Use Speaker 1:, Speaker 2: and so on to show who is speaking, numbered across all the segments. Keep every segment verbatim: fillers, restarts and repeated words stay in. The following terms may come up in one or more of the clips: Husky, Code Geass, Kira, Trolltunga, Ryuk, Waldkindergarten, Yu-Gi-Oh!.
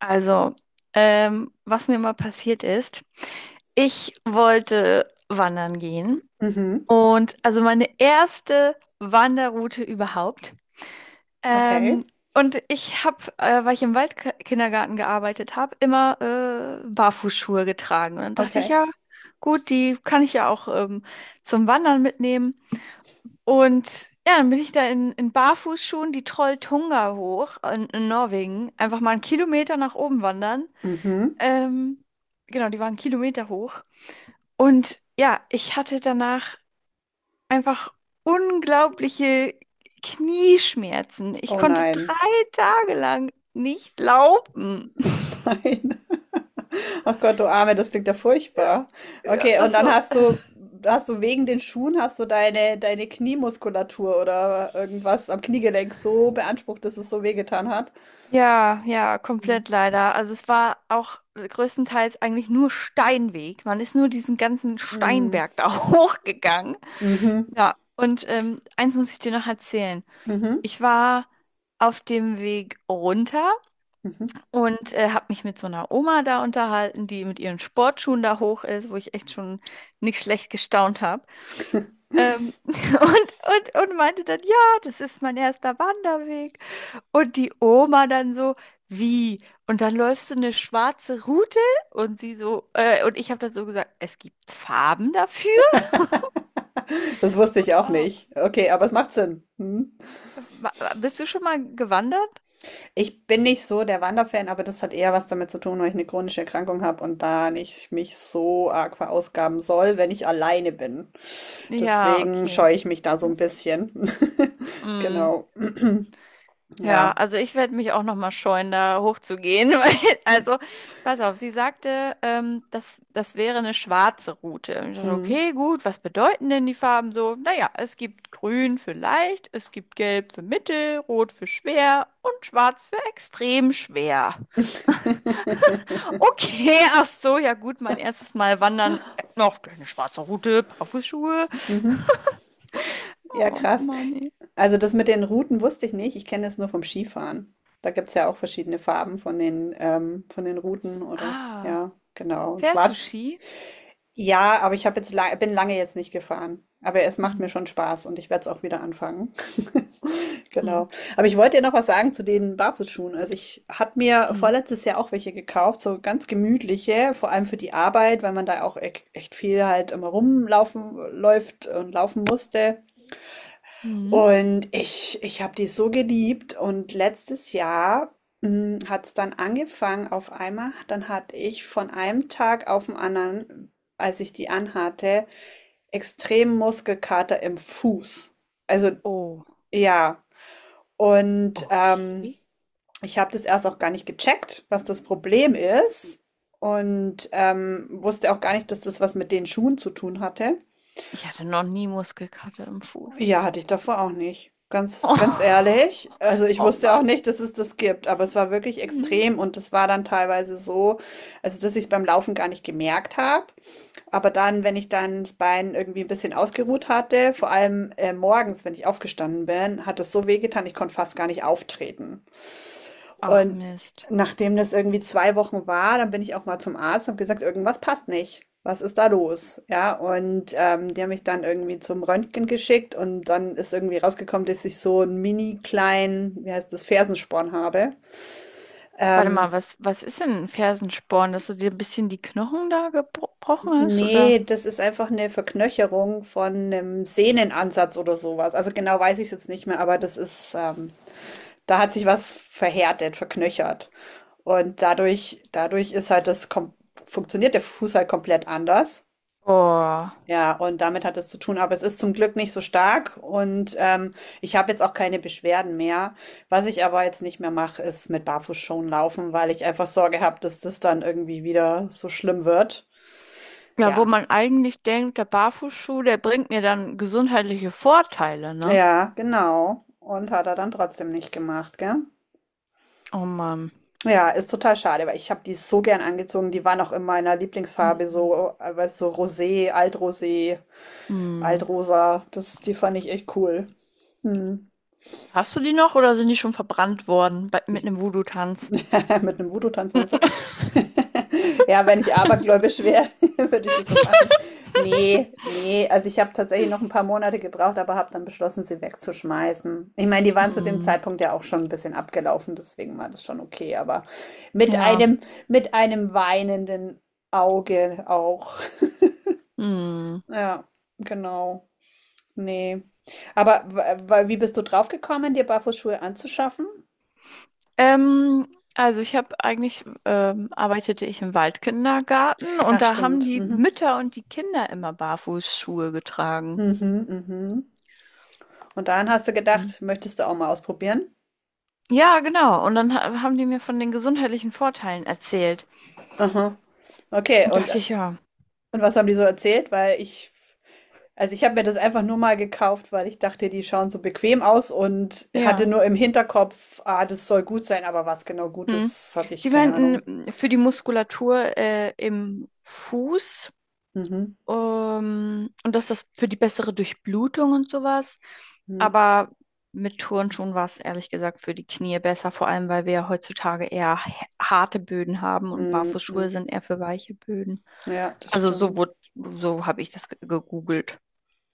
Speaker 1: Also, ähm, was mir mal passiert ist, ich wollte wandern gehen
Speaker 2: Mhm.
Speaker 1: und also meine erste Wanderroute überhaupt.
Speaker 2: Okay,
Speaker 1: Ähm, und ich habe, äh, weil ich im Waldkindergarten gearbeitet habe, immer äh, Barfußschuhe getragen. Und dann dachte ich,
Speaker 2: okay.
Speaker 1: ja, gut, die kann ich ja auch ähm, zum Wandern mitnehmen. Und ja, dann bin ich da in, in Barfußschuhen die Trolltunga hoch in, in Norwegen, einfach mal einen Kilometer nach oben wandern.
Speaker 2: Mhm.
Speaker 1: Ähm, genau, die waren Kilometer hoch. Und ja, ich hatte danach einfach unglaubliche Knieschmerzen. Ich
Speaker 2: Oh
Speaker 1: konnte drei
Speaker 2: nein.
Speaker 1: Tage lang nicht laufen.
Speaker 2: Oh nein. Ach Gott, du Arme, das klingt ja furchtbar.
Speaker 1: Ja,
Speaker 2: Okay, und
Speaker 1: das
Speaker 2: dann
Speaker 1: war,
Speaker 2: hast
Speaker 1: äh.
Speaker 2: du, hast du wegen den Schuhen, hast du deine, deine Kniemuskulatur oder irgendwas am Kniegelenk so beansprucht, dass es so wehgetan hat.
Speaker 1: ja, ja, komplett
Speaker 2: Mhm.
Speaker 1: leider. Also es war auch größtenteils eigentlich nur Steinweg. Man ist nur diesen ganzen
Speaker 2: Mhm.
Speaker 1: Steinberg da hochgegangen. Ja, und ähm, eins muss ich dir noch erzählen.
Speaker 2: Mhm.
Speaker 1: Ich war auf dem Weg runter.
Speaker 2: Mhm.
Speaker 1: Und äh, habe mich mit so einer Oma da unterhalten, die mit ihren Sportschuhen da hoch ist, wo ich echt schon nicht schlecht gestaunt habe. Ähm, und, und, und meinte dann, ja, das ist mein erster Wanderweg. Und die Oma dann so, wie? Und dann läufst du eine schwarze Route? Und sie so, äh, und ich habe dann so gesagt, es gibt Farben dafür?
Speaker 2: Das wusste ich auch
Speaker 1: Oh,
Speaker 2: nicht. Okay, aber es macht Sinn. Mhm.
Speaker 1: ma- bist du schon mal gewandert?
Speaker 2: Ich bin nicht so der Wanderfan, aber das hat eher was damit zu tun, weil ich eine chronische Erkrankung habe und da nicht mich so arg verausgaben soll, wenn ich alleine bin.
Speaker 1: Ja,
Speaker 2: Deswegen
Speaker 1: okay.
Speaker 2: scheue ich mich da so ein bisschen.
Speaker 1: Mm.
Speaker 2: Genau.
Speaker 1: Ja,
Speaker 2: Ja.
Speaker 1: also ich werde mich auch noch mal scheuen, da hochzugehen. weil- Also, pass auf, sie sagte, ähm, das, das wäre eine schwarze Route. Und ich dachte,
Speaker 2: Mhm.
Speaker 1: okay, gut, was bedeuten denn die Farben so? Naja, es gibt grün für leicht, es gibt gelb für mittel, rot für schwer und schwarz für extrem schwer. Okay, ach so, ja gut, mein erstes Mal wandern. Äh, Noch eine schwarze Route, Barfußschuhe.
Speaker 2: Mhm. Ja,
Speaker 1: Oh
Speaker 2: krass.
Speaker 1: Mann, ey.
Speaker 2: Also das mit den Routen wusste ich nicht. Ich kenne es nur vom Skifahren. Da gibt es ja auch verschiedene Farben von den, ähm, von den Routen oder
Speaker 1: Ah,
Speaker 2: ja, genau. Und
Speaker 1: fährst du
Speaker 2: schwarz.
Speaker 1: Ski?
Speaker 2: Ja, aber ich habe jetzt la bin lange jetzt nicht gefahren. Aber es macht mir
Speaker 1: Hm,
Speaker 2: schon Spaß und ich werde es auch wieder anfangen.
Speaker 1: hm,
Speaker 2: Genau. Aber ich wollte dir noch was sagen zu den Barfußschuhen. Also ich habe mir
Speaker 1: hm,
Speaker 2: vorletztes Jahr auch welche gekauft, so ganz gemütliche, vor allem für die Arbeit, weil man da auch e- echt viel halt immer rumlaufen läuft und laufen musste.
Speaker 1: hm.
Speaker 2: Und ich, ich habe die so geliebt. Und letztes Jahr hat es dann angefangen auf einmal. Dann hatte ich von einem Tag auf den anderen, als ich die anhatte, extrem Muskelkater im Fuß. Also
Speaker 1: Oh.
Speaker 2: ja, und ähm,
Speaker 1: Okay.
Speaker 2: ich habe das erst auch gar nicht gecheckt, was das Problem ist. Und ähm, wusste auch gar nicht, dass das was mit den Schuhen zu tun hatte.
Speaker 1: Ich hatte noch nie Muskelkater im Fuß.
Speaker 2: Ja, hatte ich davor auch nicht. Ganz, ganz
Speaker 1: Oh,
Speaker 2: ehrlich. Also ich
Speaker 1: oh
Speaker 2: wusste auch
Speaker 1: Mann.
Speaker 2: nicht, dass es das gibt, aber es war wirklich
Speaker 1: Hm.
Speaker 2: extrem und das war dann teilweise so, also dass ich es beim Laufen gar nicht gemerkt habe. Aber dann, wenn ich dann das Bein irgendwie ein bisschen ausgeruht hatte, vor allem äh, morgens, wenn ich aufgestanden bin, hat es so wehgetan, ich konnte fast gar nicht auftreten.
Speaker 1: Ach
Speaker 2: Und
Speaker 1: Mist.
Speaker 2: nachdem das irgendwie zwei Wochen war, dann bin ich auch mal zum Arzt und habe gesagt, irgendwas passt nicht. Was ist da los? Ja, und ähm, die haben mich dann irgendwie zum Röntgen geschickt und dann ist irgendwie rausgekommen, dass ich so einen mini kleinen, wie heißt das, Fersensporn habe.
Speaker 1: Warte
Speaker 2: Ähm,
Speaker 1: mal, was, was ist denn ein Fersensporn? Dass du dir ein bisschen die Knochen da gebrochen hast, oder?
Speaker 2: Ne, das ist einfach eine Verknöcherung von einem Sehnenansatz oder sowas. Also, genau weiß ich's jetzt nicht mehr, aber das ist, ähm da hat sich was verhärtet, verknöchert. Und dadurch dadurch ist halt das kom funktioniert der Fuß halt komplett anders.
Speaker 1: Oh.
Speaker 2: Ja, und damit hat es zu tun, aber es ist zum Glück nicht so stark und, ähm, ich habe jetzt auch keine Beschwerden mehr. Was ich aber jetzt nicht mehr mache, ist mit Barfußschuhen laufen, weil ich einfach Sorge habe, dass das dann irgendwie wieder so schlimm wird.
Speaker 1: Ja, wo
Speaker 2: Ja.
Speaker 1: man eigentlich denkt, der Barfußschuh, der bringt mir dann gesundheitliche Vorteile, ne?
Speaker 2: Ja, genau. Und hat er dann trotzdem nicht gemacht, gell?
Speaker 1: Oh Mann.
Speaker 2: Ja, ist total schade, weil ich habe die so gern angezogen. Die waren auch in meiner Lieblingsfarbe
Speaker 1: Hm.
Speaker 2: so, äh, weißt du, Rosé, Altrosé,
Speaker 1: Hm.
Speaker 2: Altrosa. Das, die fand ich echt cool. Hm.
Speaker 1: Hast du die noch oder sind die schon verbrannt worden bei, mit einem Voodoo-Tanz?
Speaker 2: Mit einem Voodoo-Tanz meinst du? Ja, wenn ich abergläubisch wäre, würde ich das so machen. Ne, ne, also ich habe tatsächlich noch ein paar Monate gebraucht, aber habe dann beschlossen, sie wegzuschmeißen. Ich meine, die waren zu dem
Speaker 1: Hm.
Speaker 2: Zeitpunkt ja auch schon ein bisschen abgelaufen, deswegen war das schon okay, aber mit
Speaker 1: Ja.
Speaker 2: einem mit einem weinenden Auge auch.
Speaker 1: Hm.
Speaker 2: Ja, genau. Ne. Aber w wa wie bist du drauf gekommen, dir Barfußschuhe anzuschaffen?
Speaker 1: Ähm, also ich habe eigentlich, ähm, arbeitete ich im Waldkindergarten und
Speaker 2: Ach
Speaker 1: da haben
Speaker 2: stimmt.
Speaker 1: die
Speaker 2: Mhm.
Speaker 1: Mütter und die Kinder immer Barfußschuhe getragen.
Speaker 2: Mhm, mhm. Und dann hast du
Speaker 1: Mhm.
Speaker 2: gedacht, möchtest du auch mal ausprobieren?
Speaker 1: Ja, genau. Und dann ha- haben die mir von den gesundheitlichen Vorteilen erzählt.
Speaker 2: Aha. Okay,
Speaker 1: Und
Speaker 2: und,
Speaker 1: dachte ich, ja,
Speaker 2: und was haben die so erzählt? Weil ich, also ich habe mir das einfach nur mal gekauft, weil ich dachte, die schauen so bequem aus und hatte
Speaker 1: ja.
Speaker 2: nur im Hinterkopf, ah, das soll gut sein, aber was genau gut
Speaker 1: Hm.
Speaker 2: ist, habe ich
Speaker 1: Die
Speaker 2: keine Ahnung.
Speaker 1: meinten, für die Muskulatur äh, im Fuß.
Speaker 2: Mhm.
Speaker 1: Ähm, und dass das für die bessere Durchblutung und sowas.
Speaker 2: Mhm.
Speaker 1: Aber mit Turnschuhen war es ehrlich gesagt für die Knie besser, vor allem weil wir ja heutzutage eher h- harte Böden haben und
Speaker 2: Mhm.
Speaker 1: Barfußschuhe
Speaker 2: Mhm.
Speaker 1: sind eher für weiche Böden.
Speaker 2: Ja, das
Speaker 1: Also so
Speaker 2: stimmt.
Speaker 1: wurde, so habe ich das ge- gegoogelt.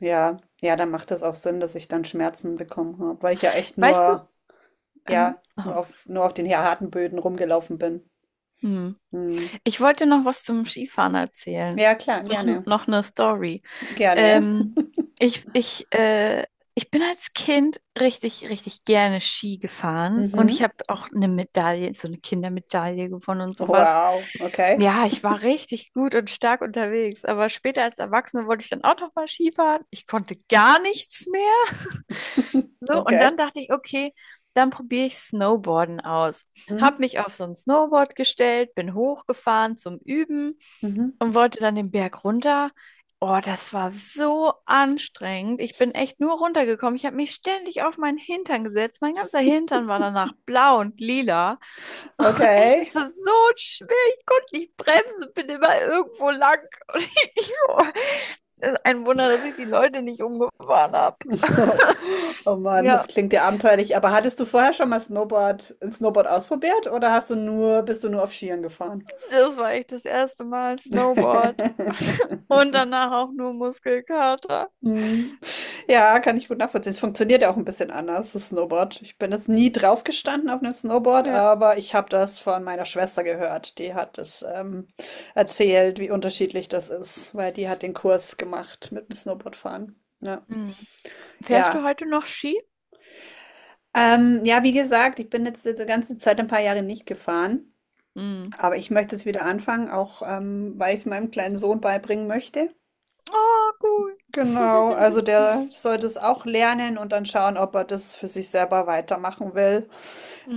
Speaker 2: Ja, ja, dann macht das auch Sinn, dass ich dann Schmerzen bekommen habe, weil ich ja echt
Speaker 1: Weißt du,
Speaker 2: nur,
Speaker 1: ähm,
Speaker 2: ja, nur
Speaker 1: oh,
Speaker 2: auf, nur auf den harten Böden rumgelaufen bin.
Speaker 1: hm.
Speaker 2: Mhm.
Speaker 1: Ich wollte noch was zum Skifahren erzählen.
Speaker 2: Ja, klar,
Speaker 1: Noch,
Speaker 2: gerne.
Speaker 1: noch eine Story.
Speaker 2: Gerne.
Speaker 1: Ähm, ich, ich, äh, ich bin als Kind richtig, richtig gerne Ski gefahren und ich
Speaker 2: Mhm.
Speaker 1: habe auch eine Medaille, so eine Kindermedaille gewonnen und sowas.
Speaker 2: Wow, okay,
Speaker 1: Ja, ich war richtig gut und stark unterwegs, aber später als Erwachsene wollte ich dann auch noch mal Ski fahren. Ich konnte gar nichts mehr. So, und
Speaker 2: okay.
Speaker 1: dann dachte ich, okay, dann probiere ich Snowboarden aus. Hab
Speaker 2: Mhm.
Speaker 1: mich auf so ein Snowboard gestellt, bin hochgefahren zum Üben
Speaker 2: Mhm.
Speaker 1: und wollte dann den Berg runter. Oh, das war so anstrengend. Ich bin echt nur runtergekommen. Ich habe mich ständig auf meinen Hintern gesetzt. Mein ganzer Hintern war danach blau und lila. Oh, echt,
Speaker 2: Okay.
Speaker 1: das war so schwer. Ich konnte nicht bremsen, bin immer irgendwo lang. Und ich, oh, das ist ein Wunder, dass ich die Leute nicht umgefahren habe.
Speaker 2: Oh, oh Mann, das
Speaker 1: Ja,
Speaker 2: klingt ja abenteuerlich. Aber hattest du vorher schon mal Snowboard, Snowboard ausprobiert oder hast du nur, bist du nur auf Skiern gefahren?
Speaker 1: das war echt das erste Mal Snowboard und danach auch nur Muskelkater.
Speaker 2: Mhm. Ja, kann ich gut nachvollziehen. Es funktioniert ja auch ein bisschen anders, das Snowboard. Ich bin jetzt nie drauf gestanden auf einem Snowboard,
Speaker 1: Ja.
Speaker 2: aber ich habe das von meiner Schwester gehört. Die hat es ähm, erzählt, wie unterschiedlich das ist, weil die hat den Kurs gemacht mit dem Snowboardfahren. Ja.
Speaker 1: Hm. Fährst du
Speaker 2: Ja.
Speaker 1: heute noch Ski?
Speaker 2: Ähm, ja, wie gesagt, ich bin jetzt die ganze Zeit ein paar Jahre nicht gefahren,
Speaker 1: Hm.
Speaker 2: aber ich möchte es wieder anfangen, auch ähm, weil ich es meinem kleinen Sohn beibringen möchte.
Speaker 1: Oh, cool.
Speaker 2: Genau, also der sollte es auch lernen und dann schauen, ob er das für sich selber weitermachen will.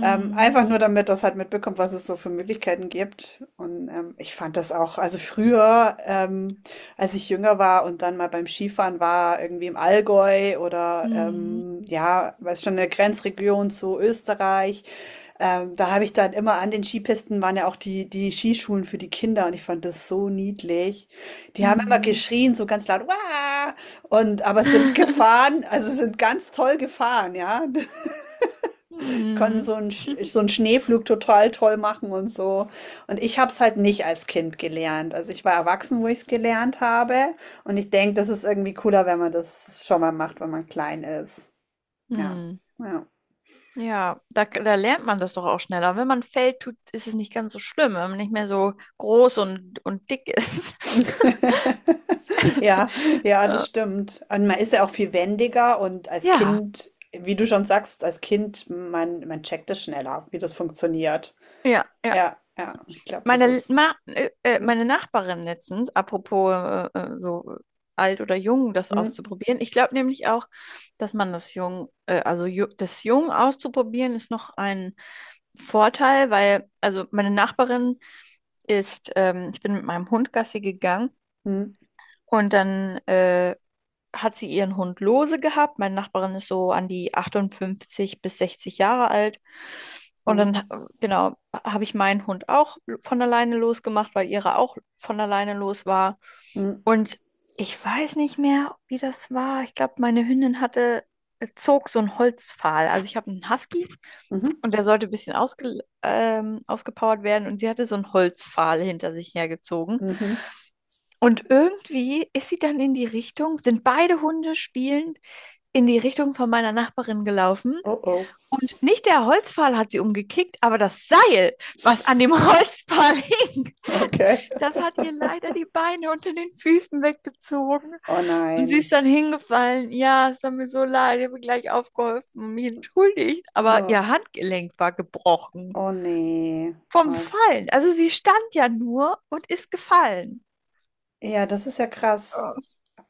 Speaker 2: Ähm, einfach nur damit das halt mitbekommt, was es so für Möglichkeiten gibt. Und ähm, ich fand das auch, also früher, ähm, als ich jünger war und dann mal beim Skifahren war, irgendwie im Allgäu oder
Speaker 1: Mhm.
Speaker 2: ähm, ja, weiß schon, eine Grenzregion zu Österreich. Ähm, da habe ich dann immer an den Skipisten waren ja auch die, die Skischulen für die Kinder und ich fand das so niedlich. Die haben immer
Speaker 1: Mhm.
Speaker 2: geschrien, so ganz laut, Wah! Und aber sind gefahren, also sind ganz toll gefahren, ja. Die konnten
Speaker 1: Mhm.
Speaker 2: so einen, Sch- so einen Schneeflug total toll machen und so. Und ich habe es halt nicht als Kind gelernt. Also ich war erwachsen, wo ich es gelernt habe. Und ich denke, das ist irgendwie cooler, wenn man das schon mal macht, wenn man klein ist. Ja.
Speaker 1: Mhm.
Speaker 2: Ja.
Speaker 1: Ja, da, da lernt man das doch auch schneller. Wenn man fällt, tut, ist es nicht ganz so schlimm, wenn man nicht mehr so groß und, und dick ist.
Speaker 2: Ja, ja, das stimmt. Und man ist ja auch viel wendiger und als
Speaker 1: Ja,
Speaker 2: Kind, wie du schon sagst, als Kind, man, man checkt es schneller, wie das funktioniert.
Speaker 1: ja, ja.
Speaker 2: Ja, ja, ich glaube, das
Speaker 1: Meine,
Speaker 2: ist.
Speaker 1: Ma äh, äh,
Speaker 2: Hm,
Speaker 1: meine Nachbarin letztens, apropos äh, äh, so äh, alt oder jung, das
Speaker 2: hm,
Speaker 1: auszuprobieren. Ich glaube nämlich auch, dass man das jung, äh, also ju das jung auszuprobieren ist noch ein Vorteil, weil, also meine Nachbarin ist, ähm, ich bin mit meinem Hund Gassi gegangen
Speaker 2: hm,
Speaker 1: und dann äh, hat sie ihren Hund lose gehabt. Meine Nachbarin ist so an die achtundfünfzig bis sechzig Jahre alt. Und
Speaker 2: hm,
Speaker 1: dann, äh, genau, habe ich meinen Hund auch von alleine losgemacht, weil ihre auch von alleine los war.
Speaker 2: hm,
Speaker 1: Und ich weiß nicht mehr, wie das war. Ich glaube, meine Hündin hatte, äh, zog so einen Holzpfahl. Also ich habe einen Husky
Speaker 2: mhm,
Speaker 1: und der sollte ein bisschen ausge, ähm, ausgepowert werden und sie hatte so einen Holzpfahl hinter sich hergezogen.
Speaker 2: mhm.
Speaker 1: Und irgendwie ist sie dann in die Richtung, sind beide Hunde spielend in die Richtung von meiner Nachbarin gelaufen.
Speaker 2: Oh, oh,
Speaker 1: Und nicht der Holzpfahl hat sie umgekickt, aber das Seil, was an dem Holzpfahl hing,
Speaker 2: okay.
Speaker 1: das hat ihr leider die Beine unter den Füßen weggezogen.
Speaker 2: Oh
Speaker 1: Und sie ist
Speaker 2: nein.
Speaker 1: dann hingefallen. Ja, es hat mir so leid, ich habe gleich aufgeholfen und mich entschuldigt. Aber
Speaker 2: Oh,
Speaker 1: ihr Handgelenk war gebrochen
Speaker 2: oh nee.
Speaker 1: vom
Speaker 2: Oh.
Speaker 1: Fallen. Also sie stand ja nur und ist gefallen.
Speaker 2: Ja, das ist ja krass.
Speaker 1: Oh,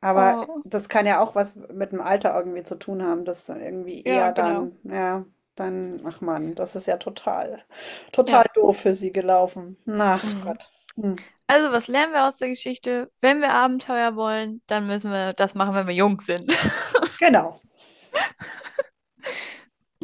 Speaker 2: Aber
Speaker 1: oh,
Speaker 2: das kann ja auch was mit dem Alter irgendwie zu tun haben, dass dann irgendwie
Speaker 1: ja,
Speaker 2: eher
Speaker 1: genau.
Speaker 2: dann, ja, dann, ach Mann, das ist ja total, total
Speaker 1: Ja.
Speaker 2: doof für sie gelaufen. Ach
Speaker 1: Mhm.
Speaker 2: Gott. Hm.
Speaker 1: Also, was lernen wir aus der Geschichte? Wenn wir Abenteuer wollen, dann müssen wir das machen, wenn wir jung sind, ne?
Speaker 2: Genau.